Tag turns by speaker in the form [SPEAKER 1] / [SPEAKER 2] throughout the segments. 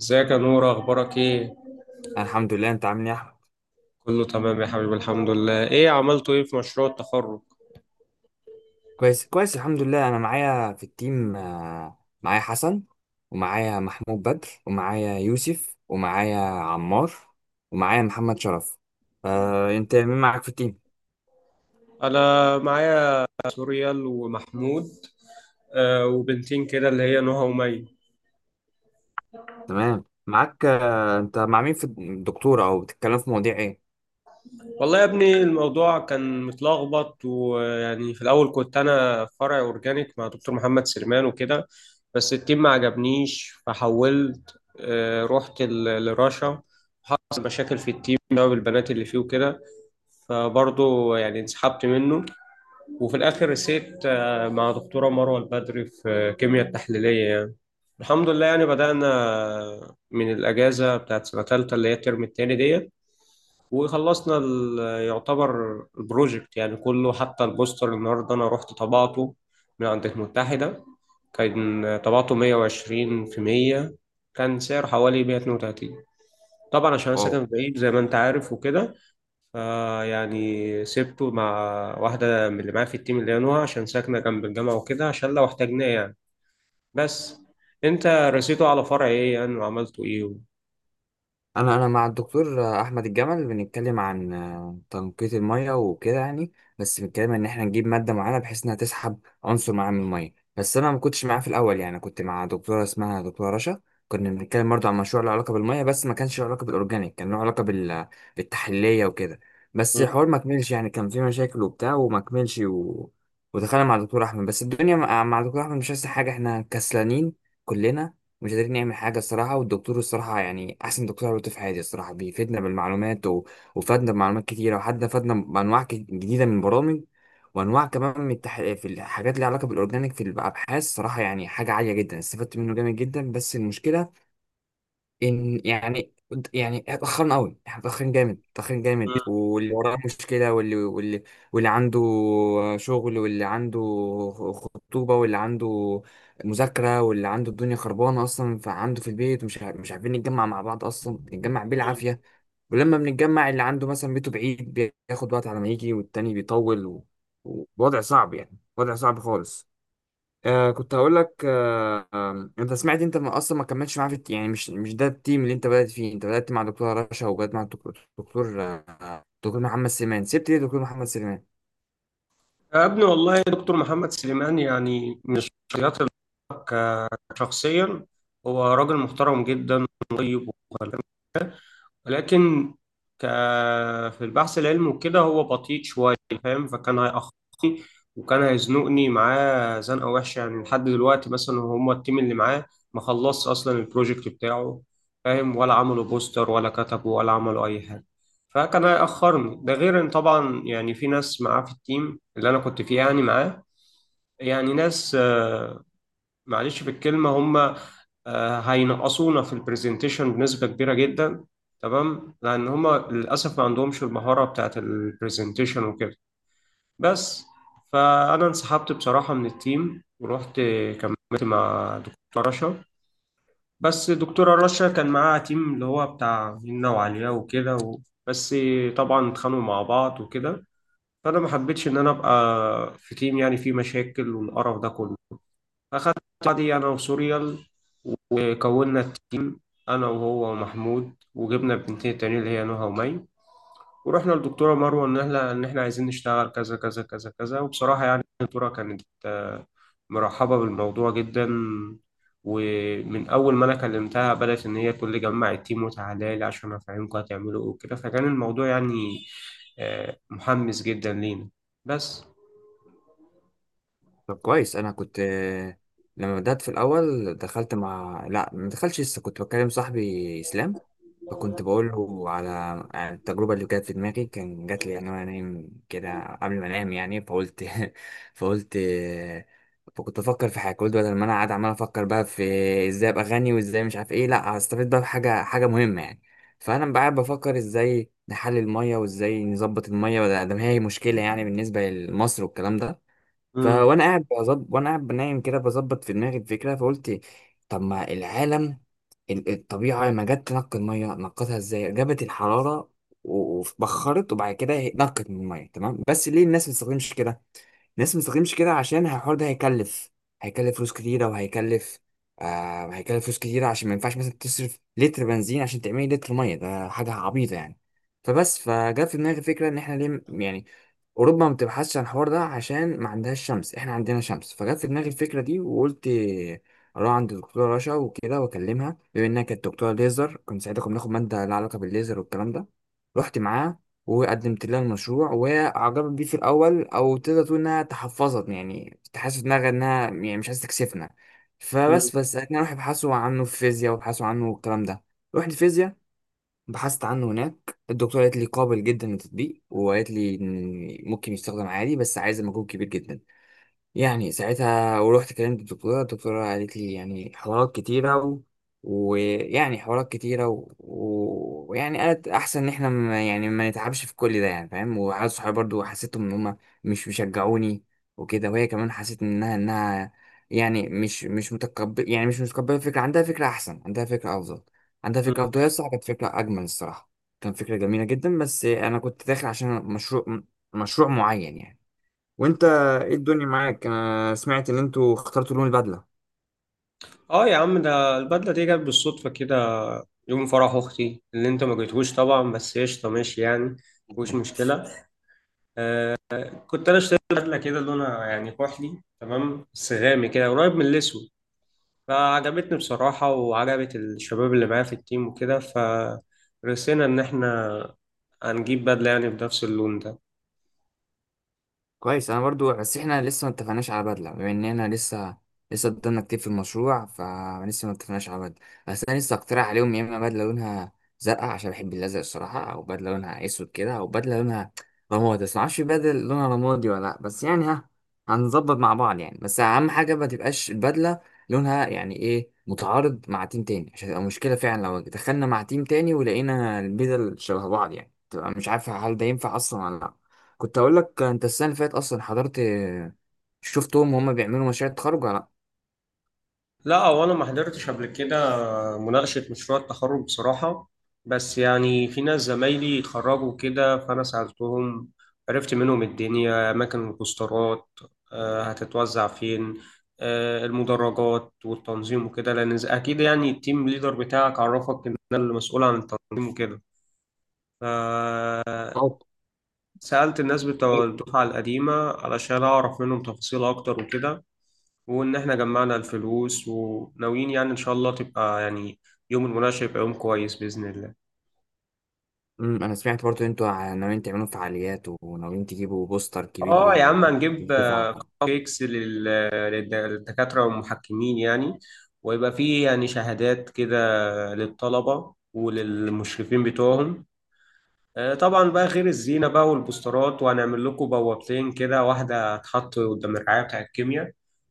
[SPEAKER 1] ازيك يا نور؟ اخبارك ايه؟
[SPEAKER 2] أنا الحمد لله، انت عامل ايه يا احمد؟
[SPEAKER 1] كله تمام يا حبيبي، الحمد لله. ايه عملتوا ايه في مشروع التخرج؟
[SPEAKER 2] كويس كويس الحمد لله. انا معايا في التيم، معايا حسن ومعايا محمود بدر ومعايا يوسف ومعايا عمار ومعايا محمد شرف. انت مين معاك في التيم؟
[SPEAKER 1] انا معايا سوريال ومحمود. وبنتين كده اللي هي نهى ومي.
[SPEAKER 2] تمام معاك. انت مع مين في الدكتورة، او بتتكلم في مواضيع
[SPEAKER 1] والله يا ابني، الموضوع كان متلخبط، ويعني في الاول كنت انا في فرع اورجانيك مع دكتور محمد سليمان وكده. بس التيم ما عجبنيش، فحولت، رحت لرشا. حصل مشاكل في التيم بسبب البنات اللي فيه وكده. فبرضه يعني انسحبت منه. وفي الاخر رسيت، مع دكتوره مروه البدري في كيمياء التحليليه يعني. الحمد لله، يعني بدانا من الاجازه بتاعت سنه ثالثه اللي هي الترم الثاني ديت، وخلصنا يعتبر البروجكت يعني كله، حتى البوستر النهارده انا رحت طبعته من عند المتحده. كان طبعته 120 في 100. كان سعره حوالي 132. طبعا عشان انا
[SPEAKER 2] ايه؟
[SPEAKER 1] ساكن بعيد زي ما انت عارف وكده، فيعني سبته مع واحدة من اللي معايا في التيم اللي هي نوها عشان ساكنة جنب الجامعة وكده، عشان لو احتاجناه يعني. بس انت رسيته على فرع ايه يعني وعملتوا ايه؟
[SPEAKER 2] انا مع الدكتور احمد الجمل، بنتكلم عن تنقية المية وكده يعني. بس بنتكلم ان احنا نجيب مادة معينة بحيث انها تسحب عنصر معين من المية. بس انا ما كنتش معاه في الاول، يعني كنت مع دكتورة اسمها دكتورة رشا. كنا بنتكلم برضه عن مشروع له علاقة بالمية، بس ما كانش له علاقة بالاورجانيك، كان له علاقة بالتحليلية وكده. بس
[SPEAKER 1] مم.
[SPEAKER 2] الحوار ما كملش، يعني كان في مشاكل وبتاع وما كملش ودخلنا مع دكتور احمد. بس الدنيا مع دكتور احمد مش احسن حاجة، احنا كسلانين كلنا، مش قادرين نعمل حاجة الصراحة. والدكتور الصراحة يعني أحسن دكتور عملته في حياتي الصراحة، بيفيدنا بالمعلومات وفادنا بمعلومات كتيرة، وحتى فادنا بأنواع جديدة من البرامج، وأنواع كمان من في الحاجات اللي علاقة بالأورجانيك في الأبحاث. صراحة يعني حاجة عالية جدا، استفدت منه جامد جدا. بس المشكلة ان يعني اتاخرنا قوي، احنا اتاخرين جامد اتاخرين جامد. واللي وراه مشكله واللي عنده شغل، واللي عنده خطوبه، واللي عنده مذاكره، واللي عنده الدنيا خربانه اصلا فعنده في البيت. مش عارفين نتجمع مع بعض اصلا، نتجمع
[SPEAKER 1] مم.
[SPEAKER 2] بالعافيه. ولما بنتجمع اللي عنده مثلا بيته بعيد بياخد وقت على ما يجي، والتاني بيطول ووضع صعب، يعني وضع صعب خالص. كنت هقول لك. انت سمعت؟ انت ما اصلا ما كملتش معاه في يعني مش ده التيم اللي انت بدأت فيه؟ انت بدأت مع دكتور رشا، وبدأت مع الدكتور دكتور محمد سليمان. سبت ليه دكتور محمد سليمان؟
[SPEAKER 1] يا ابني والله دكتور محمد سليمان يعني من الشخصيات اللي بحبها شخصيا. هو راجل محترم جدا وطيب وخلاق. ولكن، ك... في البحث العلمي وكده هو بطيء شوية. فاهم؟ فكان هيأخرني، وكان هيزنقني معاه زنقة وحشة، يعني لحد دلوقتي مثلا هما التيم اللي معاه ما خلصش أصلا البروجكت بتاعه. فاهم؟ ولا عملوا بوستر ولا كتبوا ولا عملوا أي حاجة. فكان هيأخرني، ده غير إن طبعا يعني في ناس معاه في التيم اللي أنا كنت فيه يعني معاه، يعني ناس، معلش في الكلمة، هم هينقصونا في البرزنتيشن بنسبة كبيرة جدا. تمام، لأن هم للأسف ما عندهمش المهارة بتاعت البرزنتيشن وكده. بس فأنا انسحبت بصراحة من التيم ورحت كملت مع دكتورة رشا. بس دكتورة رشا كان معاها تيم اللي هو بتاع هنا وعليا وكده بس طبعا اتخانقوا مع بعض وكده. فأنا ما حبيتش إن أنا أبقى في تيم يعني فيه مشاكل والقرف ده كله. أخدت بعضي أنا وسوريال، وكونا التيم، أنا وهو ومحمود، وجبنا البنتين التانيين اللي هي نهى ومي، ورحنا للدكتورة مروة إن إحنا عايزين نشتغل كذا كذا كذا كذا. وبصراحة يعني الدكتورة كانت، مرحبة بالموضوع جدا، ومن أول ما أنا كلمتها بدأت إن هي تقول لي جمع التيم وتعالى لي عشان أفهمكم هتعملوا إيه وكده. فكان الموضوع يعني، محمس جدا لينا. بس.
[SPEAKER 2] طب كويس. انا كنت، لما بدأت في الاول دخلت مع، لا ما دخلتش لسه، كنت بكلم صاحبي اسلام، فكنت بقول له على التجربه اللي جت في دماغي، كان جات لي يعني وانا نايم كده قبل ما انام يعني، فقلت فقلت فكنت بفكر في حاجه. قلت بدل ما انا قاعد عمال افكر بقى في ازاي ابقى غني وازاي مش عارف ايه، لا هستفيد بقى بحاجه حاجه مهمه يعني. فانا بقى قاعد بفكر ازاي نحلل الميه وازاي نظبط الميه، ده ما هي مشكله يعني بالنسبه لمصر والكلام ده.
[SPEAKER 1] مم.
[SPEAKER 2] فوانا قاعد بظبط وانا قاعد بنايم كده بظبط في دماغي الفكره، فقلت طب ما العالم، الطبيعه لما جت تنقي الميه نقتها ازاي؟ جابت الحراره وبخرت، وبعد كده نقت من الميه. تمام. بس ليه الناس ما بتستخدمش كده؟ ناس ما بتستخدمش كده عشان الحوار ده هيكلف هيكلف فلوس كتيرة. وهيكلف آه هيكلف فلوس كتيرة عشان ما ينفعش مثلا تصرف لتر بنزين عشان تعملي لتر مية، ده حاجة عبيطة يعني. فبس، فجاء في دماغي فكرة إن إحنا ليه، يعني أوروبا ما بتبحثش عن الحوار ده عشان ما عندهاش شمس، إحنا عندنا شمس. فجت في دماغي الفكرة دي وقلت أروح عند الدكتورة رشا وكده وأكلمها، بما إنها كانت دكتورة ليزر، كنت ساعتها كنا بناخد مادة لها علاقة بالليزر والكلام ده. رحت معاها وقدمت لها المشروع، وعجبت بيه في الاول، او تقدر تقول انها تحفظت يعني، كنت حاسس في دماغها انها يعني مش عايزه تكسفنا.
[SPEAKER 1] مم.
[SPEAKER 2] بس انا راح ابحثوا عنه في فيزياء، وابحثوا عنه والكلام ده. رحت فيزياء، بحثت عنه هناك، الدكتوره قالت لي قابل جدا للتطبيق، وقالت لي إن ممكن يستخدم عادي بس عايز مجهود كبير جدا يعني. ساعتها ورحت كلمت الدكتورة، قالت لي يعني حوارات كتيرة ويعني حوارات كتيرة ويعني قالت أحسن إن إحنا ما يعني ما نتعبش في كل ده، يعني فاهم. وعيال صحابي برضو حسيتهم إن هما مش مشجعوني وكده. وهي كمان حسيت إنها يعني مش متقبل، يعني مش متقبلة الفكرة. عندها فكرة أحسن، عندها فكرة أفضل، عندها فكرة أفضل. هي
[SPEAKER 1] مم.
[SPEAKER 2] الصراحة كانت فكرة أجمل الصراحة، كان فكرة جميلة جدا. بس أنا كنت داخل عشان مشروع، معين يعني. وانت ايه الدنيا معاك؟ انا سمعت ان انتوا اخترتوا لون البدله.
[SPEAKER 1] اه يا عم، ده البدلة دي جت بالصدفة كده، يوم فرح أختي اللي أنت ما جيتهوش طبعا. بس قشطة ماشي يعني، مش مشكلة. كنت أنا اشتريت بدلة كده لونها يعني كحلي، تمام، بس غامق كده قريب من الأسود. فعجبتني بصراحة وعجبت الشباب اللي معايا في التيم وكده، فرسينا إن إحنا هنجيب بدلة يعني بنفس اللون ده.
[SPEAKER 2] كويس. انا برضو بس احنا لسه ما اتفقناش على بدله، بما اننا لسه، قدامنا كتير في المشروع، فلسه ما اتفقناش على بدله. بس انا لسه اقترح عليهم يا اما بدله لونها زرقاء عشان بحب الازرق الصراحه، او بدله لونها اسود كده، او بدله لونها رمادي، بس ما اعرفش بدله لونها رمادي ولا لا، بس يعني ها هنظبط مع بعض يعني. بس اهم حاجه ما تبقاش البدله لونها يعني ايه متعارض مع تيم تاني عشان تبقى مشكله، فعلا لو دخلنا مع تيم تاني ولقينا البدل شبه بعض يعني تبقى مش عارفه هل ده ينفع اصلا ولا لا. كنت اقول لك، انت السنه اللي فاتت اصلا حضرت؟ شفتهم وهم بيعملوا مشاريع تخرج ولا لا؟
[SPEAKER 1] لا، هو انا ما حضرتش قبل كده مناقشة مشروع التخرج بصراحة. بس يعني في ناس زمايلي اتخرجوا كده، فأنا سألتهم. عرفت منهم الدنيا، أماكن البوسترات هتتوزع فين، المدرجات والتنظيم وكده، لأن أكيد يعني التيم ليدر بتاعك عرفك إن أنا اللي مسؤول عن التنظيم وكده.
[SPEAKER 2] اه.
[SPEAKER 1] سألت الناس بتوع الدفعة القديمة علشان أعرف منهم تفاصيل أكتر وكده، وإن إحنا جمعنا الفلوس وناويين يعني إن شاء الله تبقى يعني يوم المناقشة يبقى يوم كويس بإذن الله.
[SPEAKER 2] انا سمعت برضه انتوا ناويين تعملوا فعاليات وناويين تجيبوا بوستر كبير
[SPEAKER 1] آه يا عم، هنجيب
[SPEAKER 2] للدفعه.
[SPEAKER 1] كيكس للدكاترة والمحكمين يعني. ويبقى فيه يعني شهادات كده للطلبة وللمشرفين بتوعهم. طبعا بقى غير الزينة بقى والبوسترات، وهنعمل لكم بوابتين كده، واحدة هتتحط قدام الرعاية بتاع الكيمياء،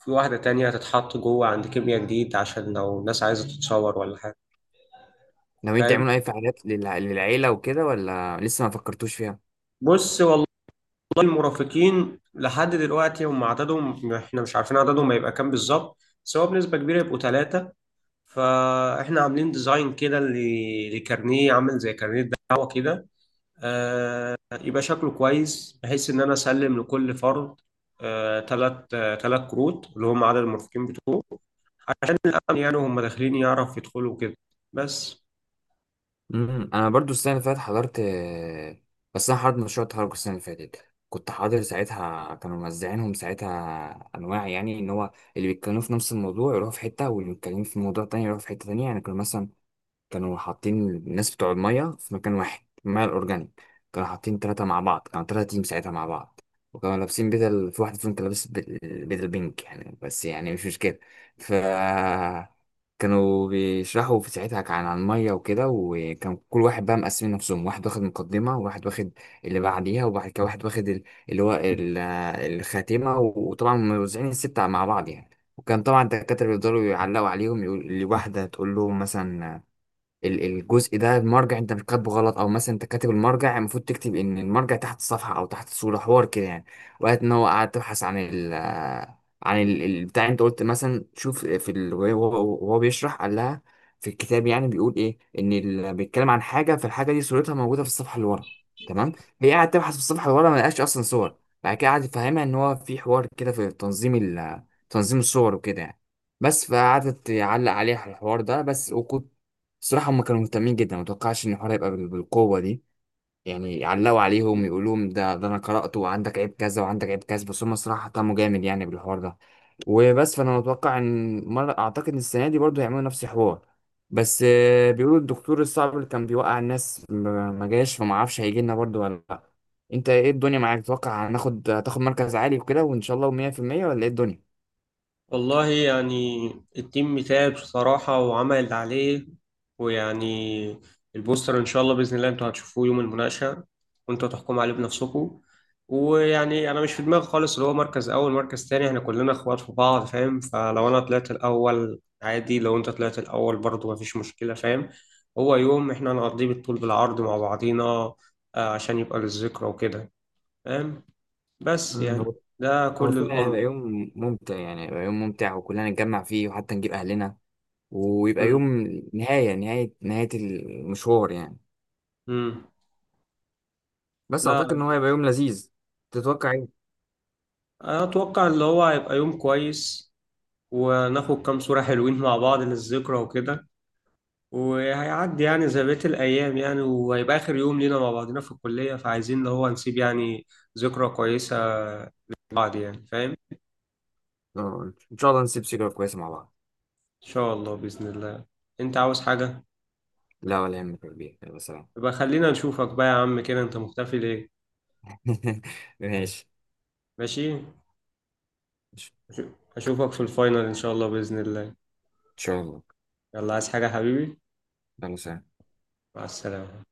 [SPEAKER 1] في واحدة تانية هتتحط جوه عند كيمياء جديد عشان لو الناس عايزة تتصور ولا حاجة.
[SPEAKER 2] ناويين
[SPEAKER 1] فاهم؟
[SPEAKER 2] تعملوا اي فعاليات للعيله وكده، ولا لسه ما فكرتوش فيها؟
[SPEAKER 1] بص والله، والله المرافقين لحد دلوقتي هم عددهم احنا مش عارفين عددهم هيبقى كام بالظبط. بس هو بنسبة كبيرة يبقوا ثلاثة. فاحنا عاملين ديزاين كده لكارنيه، عامل زي كارنيه دعوة كده، آه يبقى شكله كويس بحيث ان انا اسلم لكل فرد ثلاث كروت اللي هم عدد المرافقين بتوعه، عشان الامن يعني هم داخلين يعرف يدخلوا كده. بس.
[SPEAKER 2] انا برضه السنه اللي فاتت حضرت، بس انا حضرت مشروع تخرج السنه اللي فاتت، كنت حاضر ساعتها. كانوا موزعينهم ساعتها انواع، يعني ان هو اللي بيتكلموا في نفس الموضوع يروحوا في حته، واللي بيتكلموا في موضوع تاني يروحوا في حته تانيه يعني. كانوا مثلا كانوا حاطين الناس بتوع المية في مكان واحد، المية الأورجانيك كانوا حاطين تلاتة مع بعض، كانوا تلاتة تيم ساعتها مع بعض. وكانوا لابسين بدل، في واحد فيهم كان لابس بدل، بدل بينك يعني، بس يعني مش مشكلة. ف كانوا بيشرحوا في، ساعتها كان عن المية وكده، وكان كل واحد بقى مقسمين نفسهم، واحد واخد مقدمة وواحد واخد اللي بعديها، وبعد كده واحد واخد اللي هو ال- الخاتمة، وطبعا موزعين الستة مع بعض يعني. وكان طبعا الدكاترة بيفضلوا يعلقوا عليهم، يقول لواحدة تقول لهم مثلا الجزء ده المرجع انت بتكتبه غلط، او مثلا انت كاتب المرجع، المفروض تكتب ان المرجع تحت الصفحه او تحت الصوره، حوار كده يعني. وقت ان هو قاعد تبحث عن البتاع، انت قلت مثلا شوف في وهو بيشرح، قال لها في الكتاب يعني بيقول ايه ان بيتكلم عن حاجه، فالحاجه دي صورتها موجوده في الصفحه اللي ورا. تمام. هي قاعد تبحث في الصفحه اللي ورا ما لقاش اصلا صور. بعد كده قعد يفهمها ان هو في حوار كده في تنظيم تنظيم الصور وكده يعني. بس فقعدت تعلق عليه على الحوار ده بس. وكنت الصراحة هم كانوا مهتمين جدا، ما توقعش ان الحوار هيبقى بالقوة دي يعني. علقوا عليهم يقولوا لهم ده انا قرأته وعندك عيب كذا وعندك عيب كذا، بس هم الصراحة اهتموا جامد يعني بالحوار ده، وبس. فانا متوقع ان مرة اعتقد ان السنة دي برضو هيعملوا نفس الحوار. بس بيقولوا الدكتور الصعب اللي كان بيوقع الناس ما جاش، فما اعرفش هيجي لنا برضو ولا لا. انت ايه الدنيا معاك؟ تتوقع هتاخد مركز عالي وكده، وان شاء الله 100%؟ ولا ايه الدنيا؟
[SPEAKER 1] والله يعني التيم تعب بصراحة وعمل اللي عليه. ويعني البوستر إن شاء الله بإذن الله أنتوا هتشوفوه يوم المناقشة، وأنتوا تحكموا عليه بنفسكم. ويعني أنا مش في دماغي خالص اللي هو مركز أول مركز تاني. إحنا كلنا إخوات في بعض. فاهم؟ فلو أنا طلعت الأول عادي، لو أنت طلعت الأول برضه مفيش مشكلة. فاهم؟ هو يوم إحنا هنقضيه بالطول بالعرض مع بعضينا، عشان يبقى للذكرى وكده. فاهم؟ بس
[SPEAKER 2] مم،
[SPEAKER 1] يعني
[SPEAKER 2] هو
[SPEAKER 1] ده
[SPEAKER 2] هو
[SPEAKER 1] كل
[SPEAKER 2] فعلا هيبقى
[SPEAKER 1] الأمر.
[SPEAKER 2] يوم ممتع يعني، هيبقى يوم ممتع وكلنا نتجمع فيه وحتى نجيب اهلنا، ويبقى يوم
[SPEAKER 1] مم.
[SPEAKER 2] نهاية نهاية نهاية المشوار يعني.
[SPEAKER 1] مم.
[SPEAKER 2] بس
[SPEAKER 1] لا،
[SPEAKER 2] أعتقد إن هو هيبقى يوم لذيذ. تتوقع إيه؟
[SPEAKER 1] اتوقع اللي هو هيبقى يوم كويس، وناخد كام صورة حلوين مع بعض للذكرى وكده، وهيعدي يعني زي بقية الأيام يعني، وهيبقى آخر يوم لينا مع بعضنا في الكلية، فعايزين اللي هو نسيب يعني ذكرى كويسة لبعض يعني. فاهم؟ إن
[SPEAKER 2] إن شاء الله نسيب سيجارة كويسة مع بعض.
[SPEAKER 1] شاء الله بإذن الله. أنت عاوز حاجة؟
[SPEAKER 2] لا ولا يهمك يا كبير، يلا سلام.
[SPEAKER 1] يبقى خلينا نشوفك بقى يا عم كده. أنت مختفي ليه؟
[SPEAKER 2] ماشي.
[SPEAKER 1] ماشي؟
[SPEAKER 2] إن
[SPEAKER 1] أشوفك في الفاينل إن شاء الله بإذن الله.
[SPEAKER 2] شاء الله.
[SPEAKER 1] يلا، عايز حاجة يا حبيبي؟
[SPEAKER 2] يلا سلام.
[SPEAKER 1] مع السلامة.